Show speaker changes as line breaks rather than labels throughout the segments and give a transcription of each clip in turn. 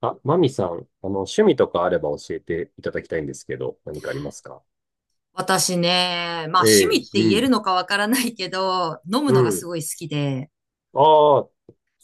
あ、マミさん、趣味とかあれば教えていただきたいんですけど、何かありますか？
私ね、まあ趣
ええ、
味っ
う
て言え
ん、
るのかわからないけど、飲む
う
のがす
ん。
ごい好きで、
ああ、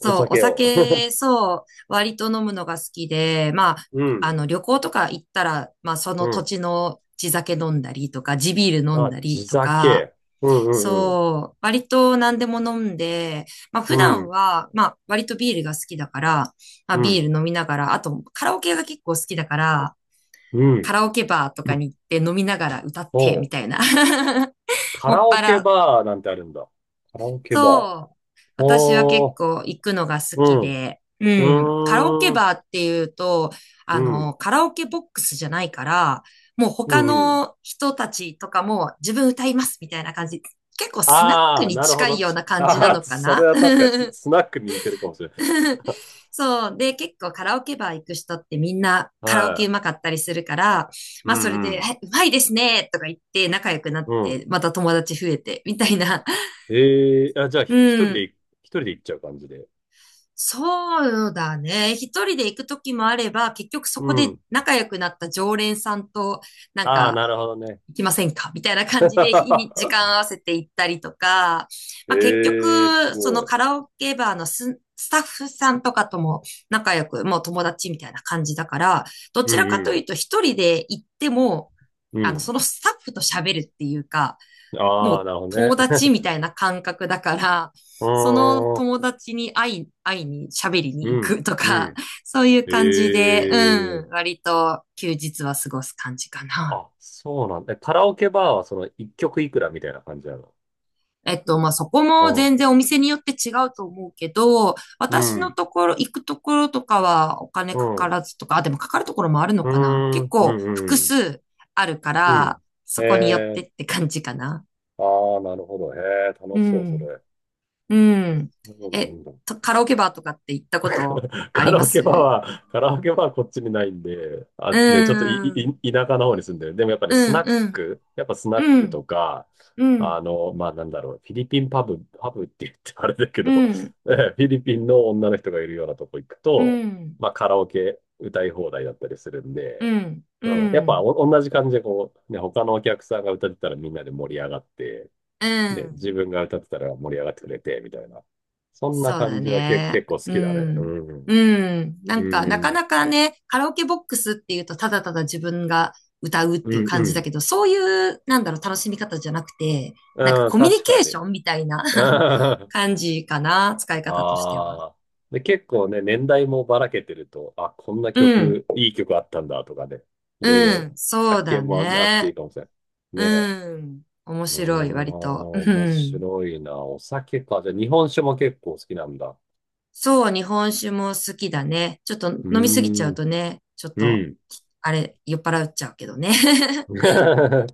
お
う、お
酒を。
酒、そう、割と飲むのが好きで、まあ、
うん、
旅行とか行ったら、まあそ
う
の土
ん。
地の地酒飲んだりとか、地ビール飲ん
あ、
だり
地
とか、
酒。うん、うん、うん。
そう、割と何でも飲んで、まあ
う
普段
ん、
は、まあ割とビールが好きだから、まあ
う
ビ
ん、
ール飲みながら、あとカラオケが結構好きだから、
うん。
カラオケバーと
う
か
ん、
に行って飲みながら歌って
お
みた
う、
いな。
カ
もっ
ラ
ぱ
オケ
ら。
バーなんてあるんだ。カラオケバー。
そう。私は結
お
構行くのが好
ー、う
き
ん、う
で、うん。カラオケ
ーん、
バーっていうと、
うん、
カラオケボックスじゃないから、もう
う
他
ん。うん、
の人たちとかも自分歌いますみたいな感じ。結構スナッ
あ
ク
あ、
に
なるほ
近
ど。
いような感じな
ああ、
のか
それ
な。
は確かにスナックに似てるかもしれない。
そう。で、結構カラオケバー行く人ってみんなカラオ
は
ケうま
い。
かったりするから、
う
まあそれで、
ん、
うまいですねとか言って仲良くなっ
うん。
て、また友達増えてみたいな。
ええ、あ、じゃあ、
う
一人で、
ん。
一人で行っちゃう感じで。
そうだね。一人で行く時もあれば、結局そ
う
こで
ん。
仲良くなった常連さんと、なん
ああ、
か、
なるほどね。
行きませんかみたいな感じで、時間合わせて行ったりとか、まあ、結
ええ、す
局、そ
ご
の
い。
カラオケバーのスタッフさんとかとも仲良く、もう友達みたいな感じだから、ど
う
ちらかと
ん
いうと一人で行っても、
うん。うん。
そのスタッフと喋るっていうか、も
ああ、
う
なるほど
友
ね。
達みたいな感覚だから、
う
その
ーん。
友達に会いに喋り
う
に行
ん。
くと
う
か、
ん。
そういう
え
感じで、うん、
え、
割と休日は過ごす感じかな。
あ、そうなんだ。えカラオケバーはその一曲いくらみたいな感じなの？
えっと、まあ、そこも全然お店によって違うと思うけど、
うん。
私
う
の
ん。
ところ、行くところとかはお金
う
かか
ん。
らずとか、あ、でもかかるところもあるの
うー
かな。結
ん。う
構複
ん。うん。
数あるか
う
ら、
ん。
そこによって
ええ、
って感じかな。
ああー、なるほど。へえ、楽
う
しそう、そ
ん。
れ。
うん。
そうな
え、
んだ。
とカラオケバーとかって行ったこと あ
カ
り
ラ
ま
オケバー
す
は、カラオケバーはこっちにないんで、
う
あ、ね、ちょっと
ーん。
い田舎の方に住んでる。でもやっぱり
う
スナ
ん、
ッ
うん、
ク、やっぱスナッ
う
クと
ん、
か、
う
あ
ん、
の、まあなんだろう、フィリピンパブ、パブって言ってあれだけど、
うん、
えフィリピンの女の人がいるようなとこ行く
う
と、
ん、
まあカラオケ歌い放題だったりするん
う
で、
ん、
う
う
ん、やっぱ
ん、
お同じ感じでこう、ね、他のお客さんが歌ってたらみんなで盛り上がって、
う
ね、
ん。
自分が歌ってたら盛り上がってくれて、みたいな。そんな
そう
感
だ
じは結
ね。
構好
う
きだね。う
ん。
ん。
うん。な
う
んか、な
ん、う
か
ん、
なかね、カラオケボックスっていうと、ただただ自分が歌うっ
う
ていう感じだ
ん。
けど、そういう、なんだろう、楽しみ方じゃなくて、なんか
うん、
コミュニ
確か
ケー
に。
シ ョンみたいな。
うん、あ
感じかな、使い方としては。
あ。で、結構ね、年代もばらけてると、あ、こんな
うん。
曲、いい曲あったんだとかね、いろい
う
ろ
ん、そ
発
うだ
見もあっていい
ね。
かもしれない。ねえ。
うん、面
うー
白い、割と。う
ん、面
ん。
白いな。お酒か。じゃあ、日本酒も結構好きなんだ。
そう、日本酒も好きだね。ちょっと
う
飲みすぎちゃ
ー
う
ん、
とね、ちょっ
う
と、
ん。
あれ、酔っ払っちゃうけどね。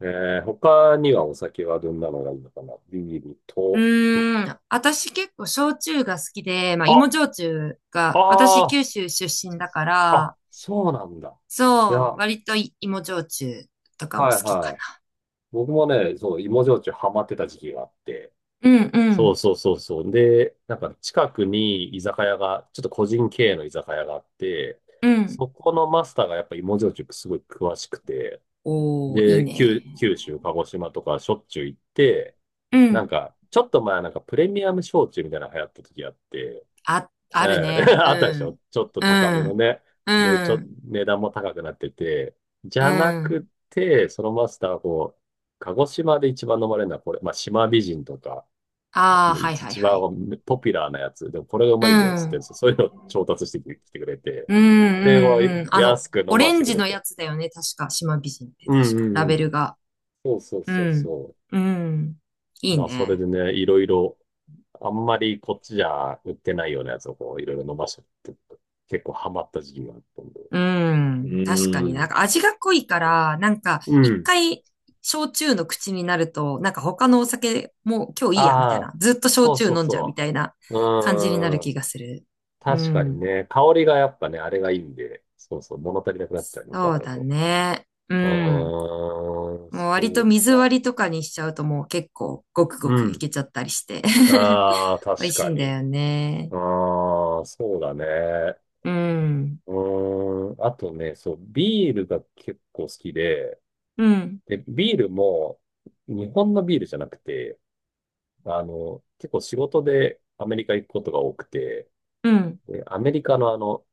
えー、他にはお酒はどんなのがいいのかな、ビール
う
と、
ーん、私結構焼酎が好きで、まあ
あ、
芋焼酎
あ
が、私
あ、
九州出身だか
あ、
ら、
そうなんだ。い
そう、
や、
割と芋焼酎とかも好
はい
きか
はい。僕もね、そう、芋焼酎ハマってた時期があって。
な。うんう
そう
ん、
そうそうそう。で、なんか近くに居酒屋が、ちょっと個人経営の居酒屋があって、
うん。
そこのマスターがやっぱ芋焼酎すごい詳しくて、
おー、いい
で、
ね。
九州、鹿児島とかしょっちゅう行って、
う
なん
ん。
か、ちょっと前なんかプレミアム焼酎みたいなの流行った時あって、
あ、ある
ええ
ね。
あったで
う
し
ん。
ょ、ちょっと
う
高めの
ん。
ね。
う
で、
ん、
値段も高くなってて。じ
う
ゃなく
ん。
て、そのマスターはこう、鹿児島で一番飲まれるのはこれ、まあ、島美人とか、
ああ、はいはい
一番
はい。
ポピュラーなやつ。でもこれがう
う
まいんだよ、
ん、
つっ
うん、
て、そういうのを調達してきてくれて。
う
で、こ
ん、うん。
う安く飲
オ
ま
レ
せ
ン
てく
ジ
れ
の
て。
やつだよね、確か。島美人って
うん
確か。ラ
うんう
ベル
ん。
が。
そうそう
う
そう
ん、
そ
うん。い
う。
い
まあ、それ
ね。
でね、いろいろ、あんまりこっちじゃ売ってないようなやつをこう、いろいろ飲ませてって、結構ハマった時期があったんで。
う
う
ん。確かに
ー
なん
ん。
か味が濃いから、なんか
う
一
ん。
回焼酎の口になると、なんか他のお酒もう今日いいや、みた
あ
い
あ、
な。ずっと焼
そう
酎
そう
飲んじゃうみ
そ
たいな
う。
感じになる
うーん。
気がする。う
確かに
ん。
ね、香りがやっぱね、あれがいいんで、そうそう、物足りなくなっちゃうのか
そう
な
だ
と。
ね。う
う
ん。
ーん、
もう割
そ
と
う
水
か。
割りとかにしちゃうともう結構ごくご
う
くい
ん。
けちゃったりして。
ああ、
美味
確
しい
か
んだ
に。
よね。
ああ、そうだね。
うん。
うーん。あとね、そう、ビールが結構好きで、
うん。
で、ビールも、日本のビールじゃなくて、あの、結構仕事でアメリカ行くことが多くて、
うん。
で、アメリカのあの、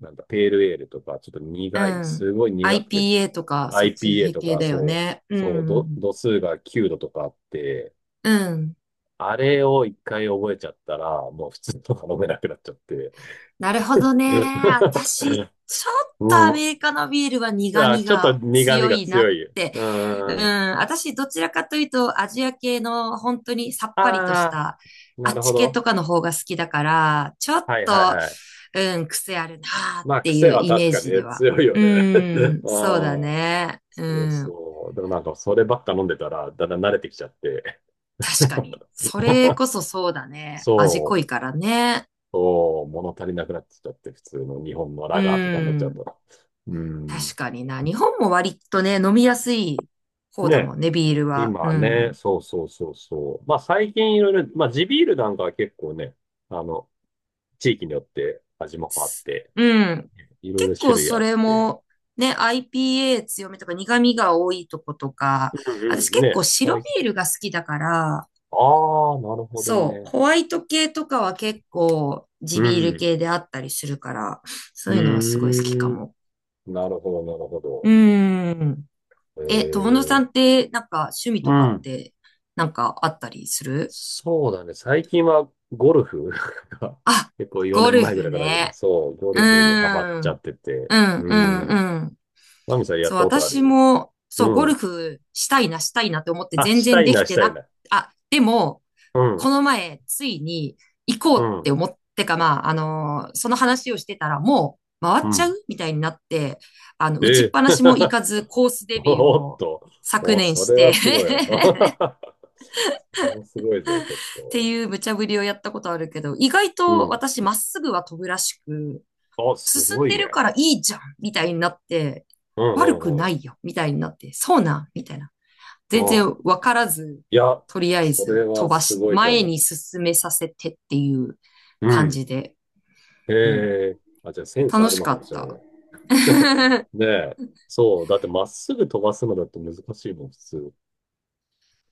なんだ、ペールエールとか、ちょっと
う
苦い、
ん。
すごい苦くて、
IPA とかそっち
IPA と
系
か、
だよ
そう、
ね。う
そう、
ん。
度数が9度とかあって、
うん。
あれを一回覚えちゃったら、もう普通とか飲めなくなっちゃって。
なるほどね。私、ち ょっ
う
とア
ん。
メリカのビールは 苦
あ、
味
ちょっと
が
苦味
強
が
いな
強
っ
い。
て。
うん。
うん、
あ
私、どちらかというと、アジア系の本当にさっぱりとし
あ
た、
ー、
あ
な
っ
るほ
ち系
ど。
とかの方が好きだから、ちょっ
はいはい
と、
はい。
うん、癖あるなーっ
まあ、
てい
癖
う
は
イメ
確
ー
かに
ジ
ね、
では。
強いよ
う
ね。
ん、
あ
そうだ
あ、
ね。う
そう
ん、
そう。でもなんか、そればっか飲んでたら、だんだん慣れてきちゃって。
確かに。それ こそそうだ ね。味濃
そ
い
う、
からね。
そう、物足りなくなってきちゃって、普通の日本の
う
ラガーとかになっちゃう
ん。
と。うん。
確かにな。日本も割とね、飲みやすい方だ
ね、
もんね、ビールは。う
今ね、
ん。
そうそうそうそう。まあ最近いろいろ、まあ地ビールなんかは結構ね、あの、地域によって味も変わっ
す
て、
うん。
いろい
結
ろ種
構
類
そ
あっ
れ
て。
も、ね、IPA 強めとか苦味が多いとことか、
う
私
んうん、
結構
ね、
白
最近、
ビールが好きだから、
ああ、なるほど
そう、
ね。
ホワイト系とかは結構
う
地ビール
ん、
系であったりするから、
う
そういうのはすごい好き
ー
か
ん、
も。
なるほど、なるほ
うー
ど。
ん。
え
え、友野さ
え、
んって、なんか趣味
う
とかっ
ん。
て、なんかあったりする
そうだね。最近はゴルフが
あ、
結構4
ゴル
年前ぐ
フ
らいからね、
ね。
そう、ゴ
う
ルフにハマっ
ー
ちゃっ
ん。
てて。
うん、
う
うん、
ん。
うん。
マミさん、やっ
そう、
たことあ
私
る？
も、そ
う
う、ゴル
ん。
フしたいな、したいなって思って
あ、
全
した
然
い
でき
な、し
て
たい
な、
な。
あ、でも、
うん、
この前、ついに行こ
う
うっ
ん、
て思ってか、まあ、その話をしてたら、もう回っ
う
ちゃう
ん。
みたいになって、あの、打ち
え
っ
え
ぱなしも行かず、コース デビュー
おっ
を
と。
昨
お、
年
そ
し
れ
て
は すごい。
っ
それはすごいぞ、ちょっ
て
と。
いう無茶ぶりをやったことあるけど、意外
う
と
ん。
私、まっすぐは飛ぶらしく、
あ、す
進ん
ごい
でる
ね。
からいいじゃんみたいになって、
うん
悪く
うんう
な
ん。
いよみたいになって、そうなみたいな。
う
全
ん。
然わからず、
いや、
とりあえ
そ
ず
れ
飛
は
ば
す
し、
ごいか
前
も。
に進めさせてっていう
う
感
ん。
じで、うん。
ええ、あ、じゃあセンスあ
楽
る
し
の
か
か
っ
もしれな
た。
い。ねえ。そう。だってまっすぐ飛ばすのだって難しいもん、普通。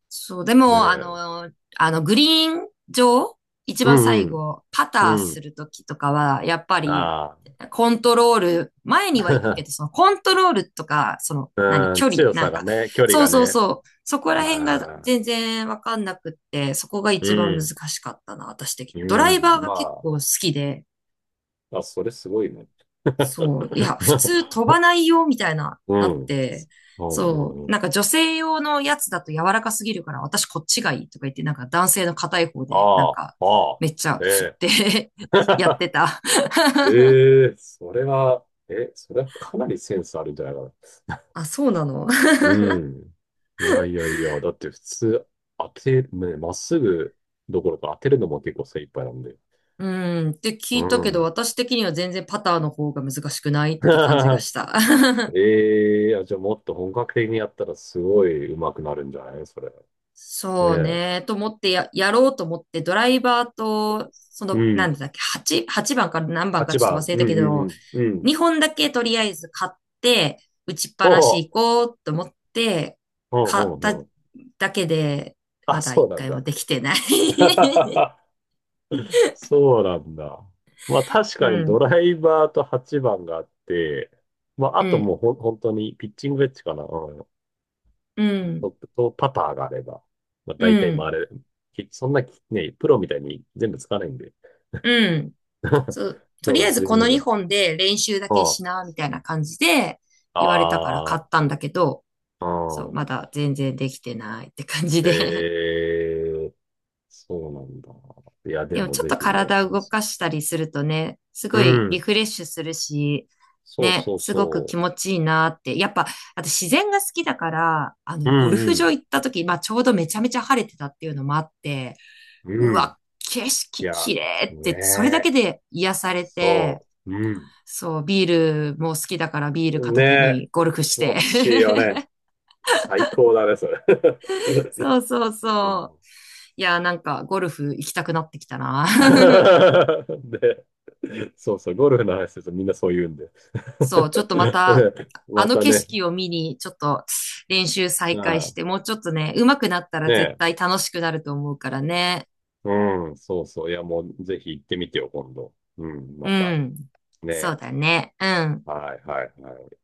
そう、で
ね
も、あ
え。
の、あの、グリーン上、一
う
番
ん
最
うん。
後、パター
う
す
ん。
るときとかは、やっぱり、
あ
コントロール、前には行く
あ。
けど、そ のコントロールとか、その、何、
うん。
距離、
強
な
さ
ん
が
か、
ね、距離
そう
が
そう
ね。
そう、そこら辺が
まあ。
全然わかんなくって、そこが
う
一番難
ん。
しかったな、私的
う
には。ドライバ
ん。
ーが結
ま
構好きで、
あ。あ、それすごいね。
そう。いや、普通 飛ばないよ、みたいな、
う
なっ
ん。うん
て、
う
そ
んう
う。
ん。
なんか女性用のやつだと柔らかすぎるから、私こっちがいいとか言って、なんか男性の硬い方で、なん
ああ。
か、
ああ。
めっちゃ
え
振っ
え。
て やって た。
ええ、それはかなりセンスあるんじゃないか？
あ、そうなの。
うん。いやいやいや、だって普通当て、ね、まっすぐどころか当てるのも結構精一杯なんで。
うーん、って聞
う
いたけど、
ん。
私的には全然パターの方が難しくないって感じが した。
ええー、あ、じゃあもっと本格的にやったらすごい上手くなるんじゃない、それ。ね
そう
え。
ね、と思ってや、やろうと思って、ドライバーと、そ
う
の、なん
ん。
だっけ、8番か何番か
8
ちょっと忘
番。
れ
う
た
ん
け
う
ど、
んうん。うん。
2本だけとりあえず買って、打ちっぱ
お
なし
う。
行こうと思って、
うんう
買っ
ん
た
うん。
だけで、
あ、
まだ
そ
1
うなん
回
だ。
もできてない。
そうなんだ。まあ確
う
かにド
ん、
ライバーと8番があって、まああ
う
と
ん、
もうほん、本当にピッチングウェッジかな。うん
う
ト
ん、
ップとパターがあれば、まあ、
う
大体回
ん、
れる。きそんなき、ね、プロみたいに全部使わないんで。
うん。そう、と
そ
りあ
う、
えず
十
この
分が。
2本で練習だ
う
け
ん。
しな、みたいな感じで言われたから買っ
あ
たんだけど、
あ、
そう、
うん。
まだ全然できてないって感じで。
ええ、そうなんだ。いや、で
でも
も
ちょっ
ぜ
と
ひね、
体
楽
動
し
か
い。
したりするとね、す
う
ごいリ
ん。
フレッシュするし、
そう
ね、
そう
すごく気
そ
持ちいいなって。やっぱ、あと自然が好きだから、あ
う。
の、
う
ゴル
ん
フ
う
場
ん。
行った時、まあちょうどめちゃめちゃ晴れてたっていうのもあって、う
うん。
わ、景
い
色
や、
綺麗っ
ね
て、それだ
え。
けで癒されて、
そう。うん。
そう、ビールも好きだからビール
ね
片手
え。
にゴルフし
気
て。
持ちいいよね。最高だね、それ。
そうそう
うん
そう。いやー、なんかゴルフ行きたくなってきたな。
で、そうそう、ゴルフの話するとみんなそう言うんで。
そう、ちょっとまた、あ
ま
の
た
景
ね、
色を見に、ちょっと練習再開
あ
して、
あ、
もうちょっとね、上手くなったら
ね
絶
え、
対楽しくなると思うからね。
うん、そうそう、いや、もうぜひ行ってみてよ、今度。うん、ま
う
た。
ん。そ
ね、
うだね。うん。
はいはいはい。